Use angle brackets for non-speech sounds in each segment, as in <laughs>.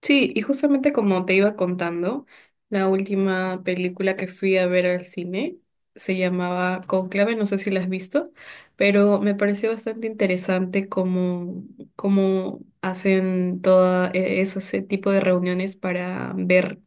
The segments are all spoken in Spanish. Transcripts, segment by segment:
Sí, y justamente como te iba contando, la última película que fui a ver al cine se llamaba Conclave, no sé si la has visto, pero me pareció bastante interesante cómo hacen todo ese tipo de reuniones para ver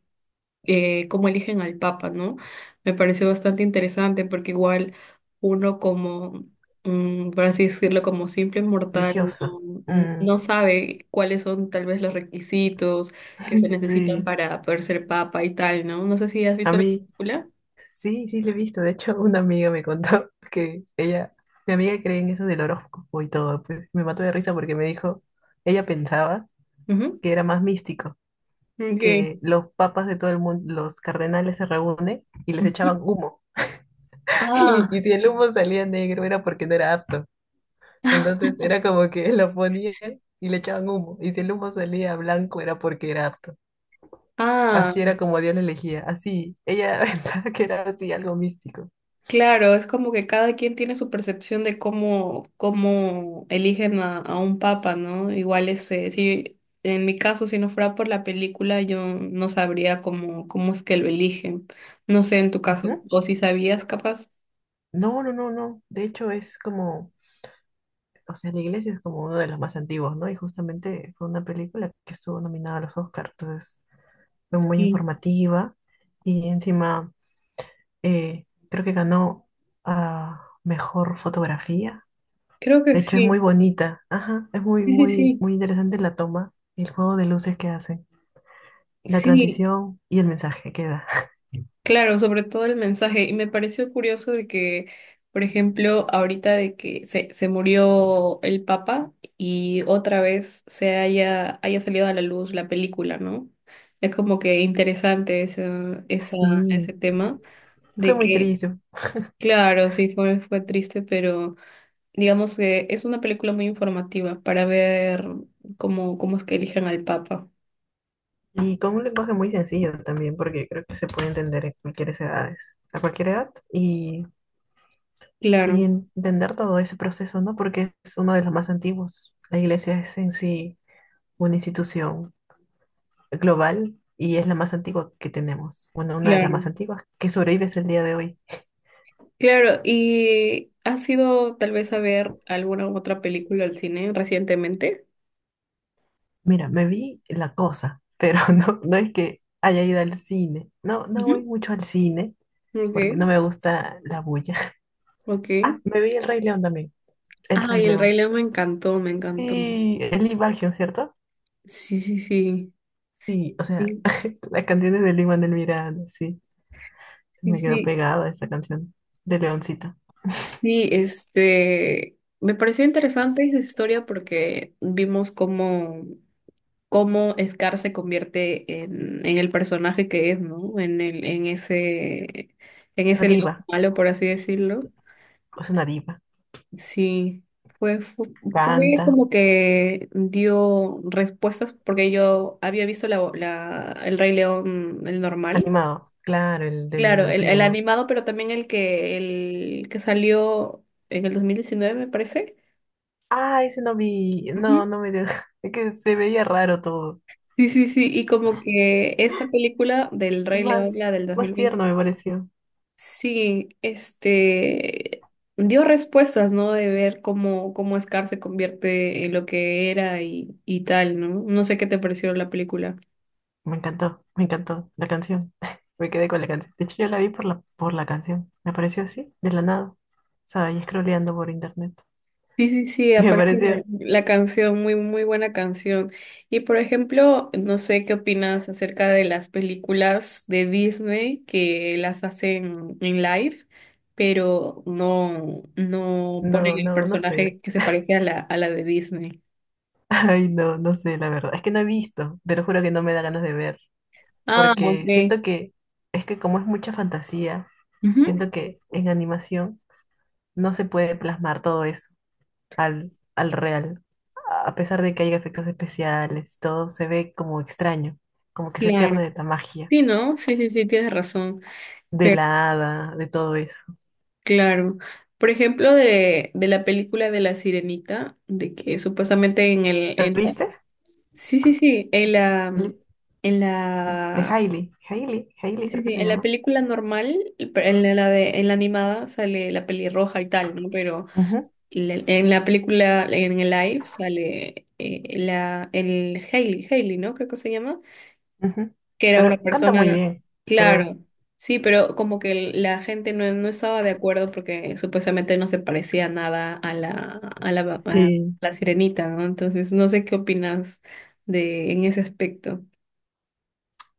cómo eligen al Papa, ¿no? Me pareció bastante interesante porque igual uno como, por así decirlo, como simple mortal, Religioso. no, Mm. no sabe cuáles son tal vez los requisitos que se <laughs> necesitan Sí, para poder ser Papa y tal, ¿no? No sé si has a visto la mí película. sí, sí lo he visto. De hecho, una amiga me contó <laughs> que ella, mi amiga cree en eso del horóscopo y todo. Pues me mató de risa porque me dijo, ella pensaba Ujú. que era más místico, Ok. que los papas de todo el mundo, los cardenales se reúnen y les echaban Ujú. humo. <laughs> Y Ah, si el humo salía negro era porque no era apto. Entonces era como que lo ponían y le echaban humo. Y si el humo salía blanco era porque era apto. Así ah. era como Dios la elegía, así. Ella <laughs> pensaba que era así algo místico. Claro, es como que cada quien tiene su percepción de cómo eligen a un papa, ¿no? Igual ese, si en mi caso, si no fuera por la película, yo no sabría cómo es que lo eligen. No sé en tu caso, Ujú. o si sabías capaz. No, no, no, no. De hecho, es como, o sea, la iglesia es como uno de los más antiguos, ¿no? Y justamente fue una película que estuvo nominada a los Oscars, entonces fue muy Sí. informativa y encima. Creo que ganó a mejor fotografía. Creo que De hecho, es muy sí. bonita. Ajá, es muy, Sí, sí, muy, sí. muy interesante la toma, el juego de luces que hacen, la Sí. transición y el mensaje que da. <laughs> Claro, sobre todo el mensaje. Y me pareció curioso de que, por ejemplo, ahorita de que se murió el Papa y otra vez se haya salido a la luz la película, ¿no? Es como que interesante ese Sí, tema fue de muy que, triste. claro, sí fue triste, pero digamos que es una película muy informativa para ver cómo es que eligen al Papa. Y con un lenguaje muy sencillo también, porque creo que se puede entender en cualquier edades, a cualquier edad, y Claro, entender todo ese proceso, ¿no? Porque es uno de los más antiguos. La iglesia es en sí una institución global y es la más antigua que tenemos. Bueno, una de las claro. más antiguas que sobrevive hasta el día de hoy. Claro, ¿y has ido tal vez a ver alguna otra película al cine recientemente? Mira, me vi La Cosa, pero <laughs> no, no es que haya ido al cine. No, no voy Ujú. mucho al cine porque no Ok, me gusta la bulla. <laughs> ok. Ah, me vi El Rey León también. El Rey Ay, El Rey León. León me encantó, me encantó. Sí, el Baggio, ¿cierto? Sí, sí, sí. Sí, o sea, Sí, <laughs> las canciones de Lin Manuel Miranda, sí. Se sí, me quedó sí. pegada esa canción de Leoncito. Sí, me pareció interesante esa historia porque vimos cómo Scar se convierte en el personaje que es, ¿no? En ese Una león diva, malo, por así decirlo. es una diva. Sí, fue, fue, fue Canta, como que dio respuestas porque yo había visto el Rey León, el normal, animado. Claro, el del claro, el antiguo. animado, pero también el que salió en el 2019 me parece. Ah, ese no vi, Ujú. no, no me dio, <laughs> es que se veía raro todo, Sí, sí, sí, y como que esta película del Rey León, más, la del dos más mil veinte. tierno me pareció, Sí, este dio respuestas, ¿no? De ver cómo Scar se convierte en lo que era y, tal, ¿no? No sé qué te pareció la película. Me encantó la canción, <laughs> me quedé con la canción, de hecho yo la vi por la canción, me apareció así, de la nada, o sea, ahí scrolleando por internet, Sí, sí, sí, <laughs> y me aparte la, pareció, la canción, muy, muy buena canción. Y por ejemplo, no sé qué opinas acerca de las películas de Disney que las hacen en live, pero no ponen no, el no, no sé, personaje que se parece a la de Disney. <laughs> ay, no, no sé, la verdad, es que no he visto, te lo juro que no me da ganas de ver, Ah, porque ok. siento que, es que como es mucha fantasía, Ujú, siento que en animación no se puede plasmar todo eso al real. A pesar de que haya efectos especiales, todo se ve como extraño, como que se claro. pierde la magia Sí, ¿no? Sí, sí, sí, tienes razón. de Pero la hada, de todo eso. claro, por ejemplo, de la película de La Sirenita, de que supuestamente ¿La viste? sí, sí, sí, en la, mm, El- en De la, Hailey. Hailey, sí, Hailey sí, creo que sí, se en la llama. película normal, en la animada sale la pelirroja y tal, ¿no? Pero Ujú, en el live sale el Hailey, ¿no? Creo que se llama. ujú. Que era una Pero canta muy persona, bien, creo. claro, sí, pero como que la gente no estaba de acuerdo porque supuestamente no se parecía nada a la, a la, a Sí. la sirenita, ¿no? Entonces, no sé qué opinas de en ese aspecto.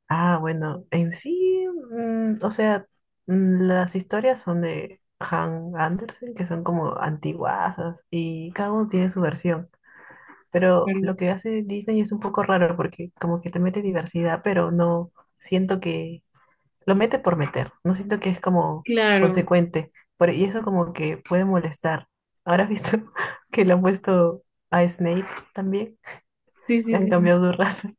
Ah, bueno, en sí, o sea, las historias son de Han Andersen, que son como antiguasas, y cada uno tiene su versión. Pero Claro. lo que hace Disney es un poco raro porque como que te mete diversidad, pero no siento que lo mete por meter, no siento que es como Claro. consecuente. Y eso como que puede molestar. Ahora has visto <laughs> que le han puesto a Snape también, Sí, le sí, han cambiado sí. su raza,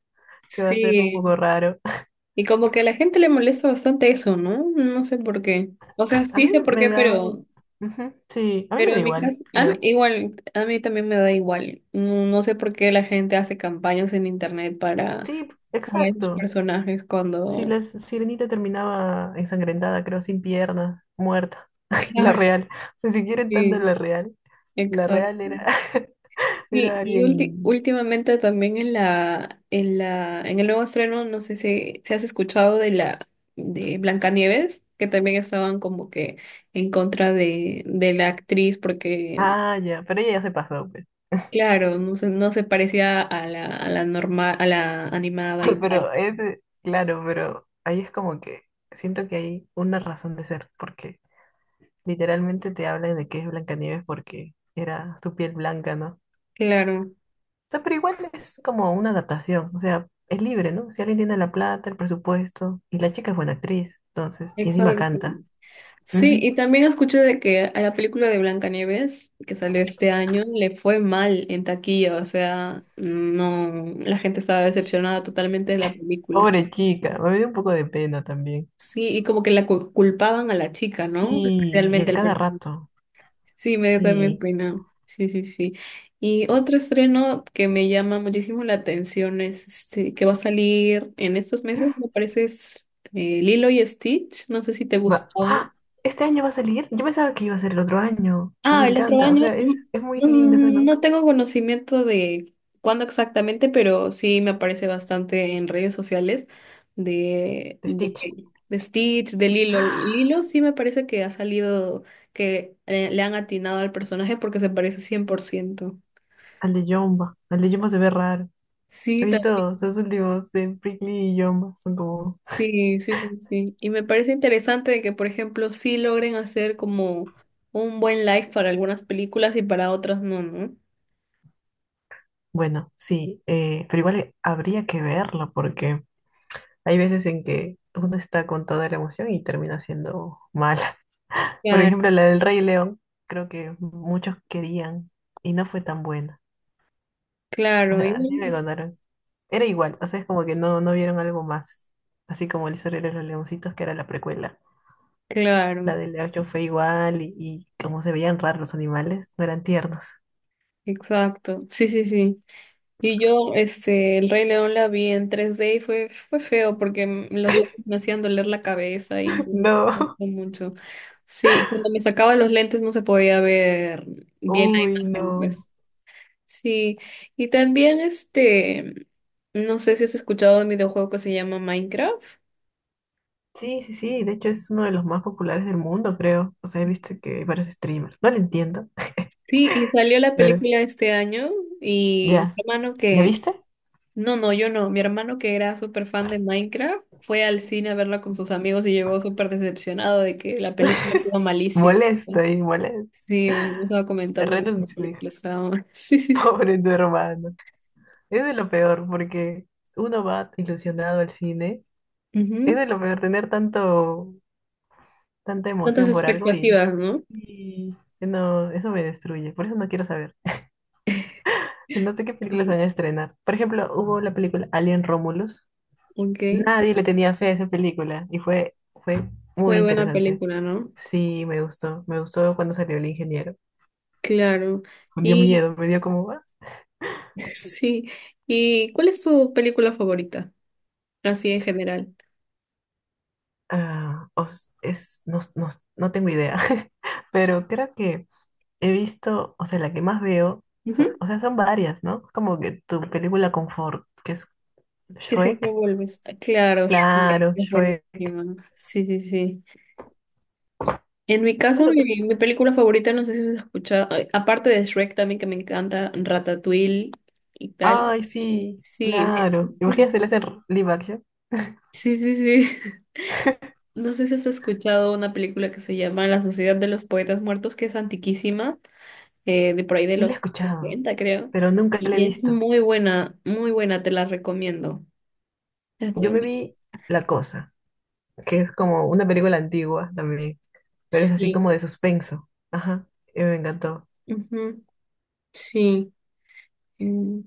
<laughs> que va a ser un poco Sí. raro. <laughs> Y como que a la gente le molesta bastante eso, ¿no? No sé por qué. O sea, A sí mí sé por me qué, da un. pero, Ujú, sí, a mí pero me da en mi igual, caso, creo. igual, a mí también me da igual. No, no sé por qué la gente hace campañas en internet para Sí, para esos exacto. personajes Sí, cuando... la sirenita terminaba ensangrentada, creo, sin piernas, muerta. <laughs> La Claro, real. O sea, si quieren tanto sí, la real. La exacto. real era, <laughs> Sí, era y alguien. últimamente también en el nuevo estreno, no sé si has escuchado de la de Blancanieves, que también estaban como que en contra de la actriz, porque Ah, ya. Pero ella ya se pasó, pues. claro, no se parecía a la normal, a la animada y <laughs> tal. Pero ese, claro, pero ahí es como que siento que hay una razón de ser, porque literalmente te hablan de que es Blancanieves porque era su piel blanca, ¿no? O Claro, sea, pero igual es como una adaptación. O sea, es libre, ¿no? Si alguien tiene la plata, el presupuesto, y la chica es buena actriz, entonces, y encima exacto. canta. Sí, Ujú. y también escuché de que a la película de Blancanieves, que salió este año, le fue mal en taquilla, o sea, no, la gente estaba decepcionada totalmente de la película. Pobre chica, me dio un poco de pena también. Sí, y como que culpaban a la chica, ¿no? Sí, y Especialmente a al cada personaje. rato. Sí, me dio también Sí. pena. Sí, sí, sí. Y otro estreno que me llama muchísimo la atención es este, que va a salir en estos meses, me parece es Lilo y Stitch, no sé si te Va. gustó. ¡Ah! ¿Este año va a salir? Yo pensaba que iba a ser el otro año. Ah, me Ah, el otro encanta. O año. sea, es muy No, linda esa, ¿no? no tengo conocimiento de cuándo exactamente, pero sí me aparece bastante en redes sociales De Stitch. De Stitch, de Lilo. ¡Ah! Lilo sí me parece que ha salido, que le han atinado al personaje porque se parece 100%. Al de Yomba. Al de Yomba se ve raro. He Sí, también. visto esos últimos de Prickly y Yomba. Son como. Sí, sí, sí, sí. Y me parece interesante de que, por ejemplo, sí logren hacer como un buen live para algunas películas y para otras no, ¿no? Bueno, sí. Pero igual habría que verlo porque hay veces en que uno está con toda la emoción y termina siendo mal. Por Claro, ejemplo, la del Rey León, creo que muchos querían y no fue tan buena. O claro. Y sea, así bueno. me contaron. Era igual, o sea, es como que no, no vieron algo más. Así como el historia de los leoncitos, que era la precuela. Claro. La del Leocho fue igual y como se veían raros los animales, no eran tiernos. Exacto, sí, sí, sí. Y yo, El Rey León la vi en 3D y fue feo porque los lentes me hacían doler la cabeza y <laughs> no me gustó No, mucho. Sí, cuando me sacaba los lentes no se podía ver bien la uy, imagen, no. pues. Sí, y también no sé si has escuchado de un videojuego que se llama Minecraft. Sí, sí, sí, de hecho es uno de los más populares del mundo, creo. O sea, he visto que hay varios streamers. No lo entiendo, <laughs> Sí, y salió la pero película este año y mi ya. hermano ¿La que viste? No, no, yo no. Mi hermano, que era súper fan de Minecraft, fue al cine a verla con sus amigos y llegó súper decepcionado de que la película estaba malísima. Molesto y molesto. Sí, me estaba comentando que la Renuncio, dije. película estaba mal. <laughs> Sí, <laughs> sí, sí. Pobre tu hermano. Es de lo peor, porque uno va ilusionado al cine. Es Ujú. de lo peor tener tanto, tanta Tantas emoción por algo y, expectativas, ¿no? y no, eso me destruye. Por eso no quiero saber. No sé qué películas Sí, van a estrenar. Por ejemplo, hubo la película Alien Romulus. ok. Nadie le tenía fe a esa película y fue muy Fue buena interesante. película, ¿no? Sí, me gustó. Me gustó cuando salió el ingeniero. Claro. Me dio Y miedo, me dio como. Ah, <laughs> sí. ¿Y cuál es tu película favorita? Así en general. No, no, no tengo idea, <laughs> pero creo que. He visto, o sea, la que más veo, o sea, Ujú. Son varias, ¿no? Como que tu película confort, que es Que siempre Shrek, vuelves. Claro, Shrek claro, es Shrek. buenísima. Sí, sí, sí. En mi caso, Bueno, mi, creo que es mi eso. película favorita, no sé si has escuchado, ay, aparte de Shrek también que me encanta, Ratatouille y tal. Ay, sí, Sí, claro. Imagínate, le hacen live action. sí, sí, sí. <laughs> No sé si has escuchado una película que se llama La Sociedad de los Poetas Muertos, que es antiquísima, de por ahí de Sí, la he los escuchado, 70, creo. pero nunca la he Y es visto. Muy buena, te la recomiendo. Es muy Yo me buena. vi La Cosa, que es como una película antigua también, pero es así Sí. como de suspenso. Ajá, y me encantó. Ujú, sí. Mm.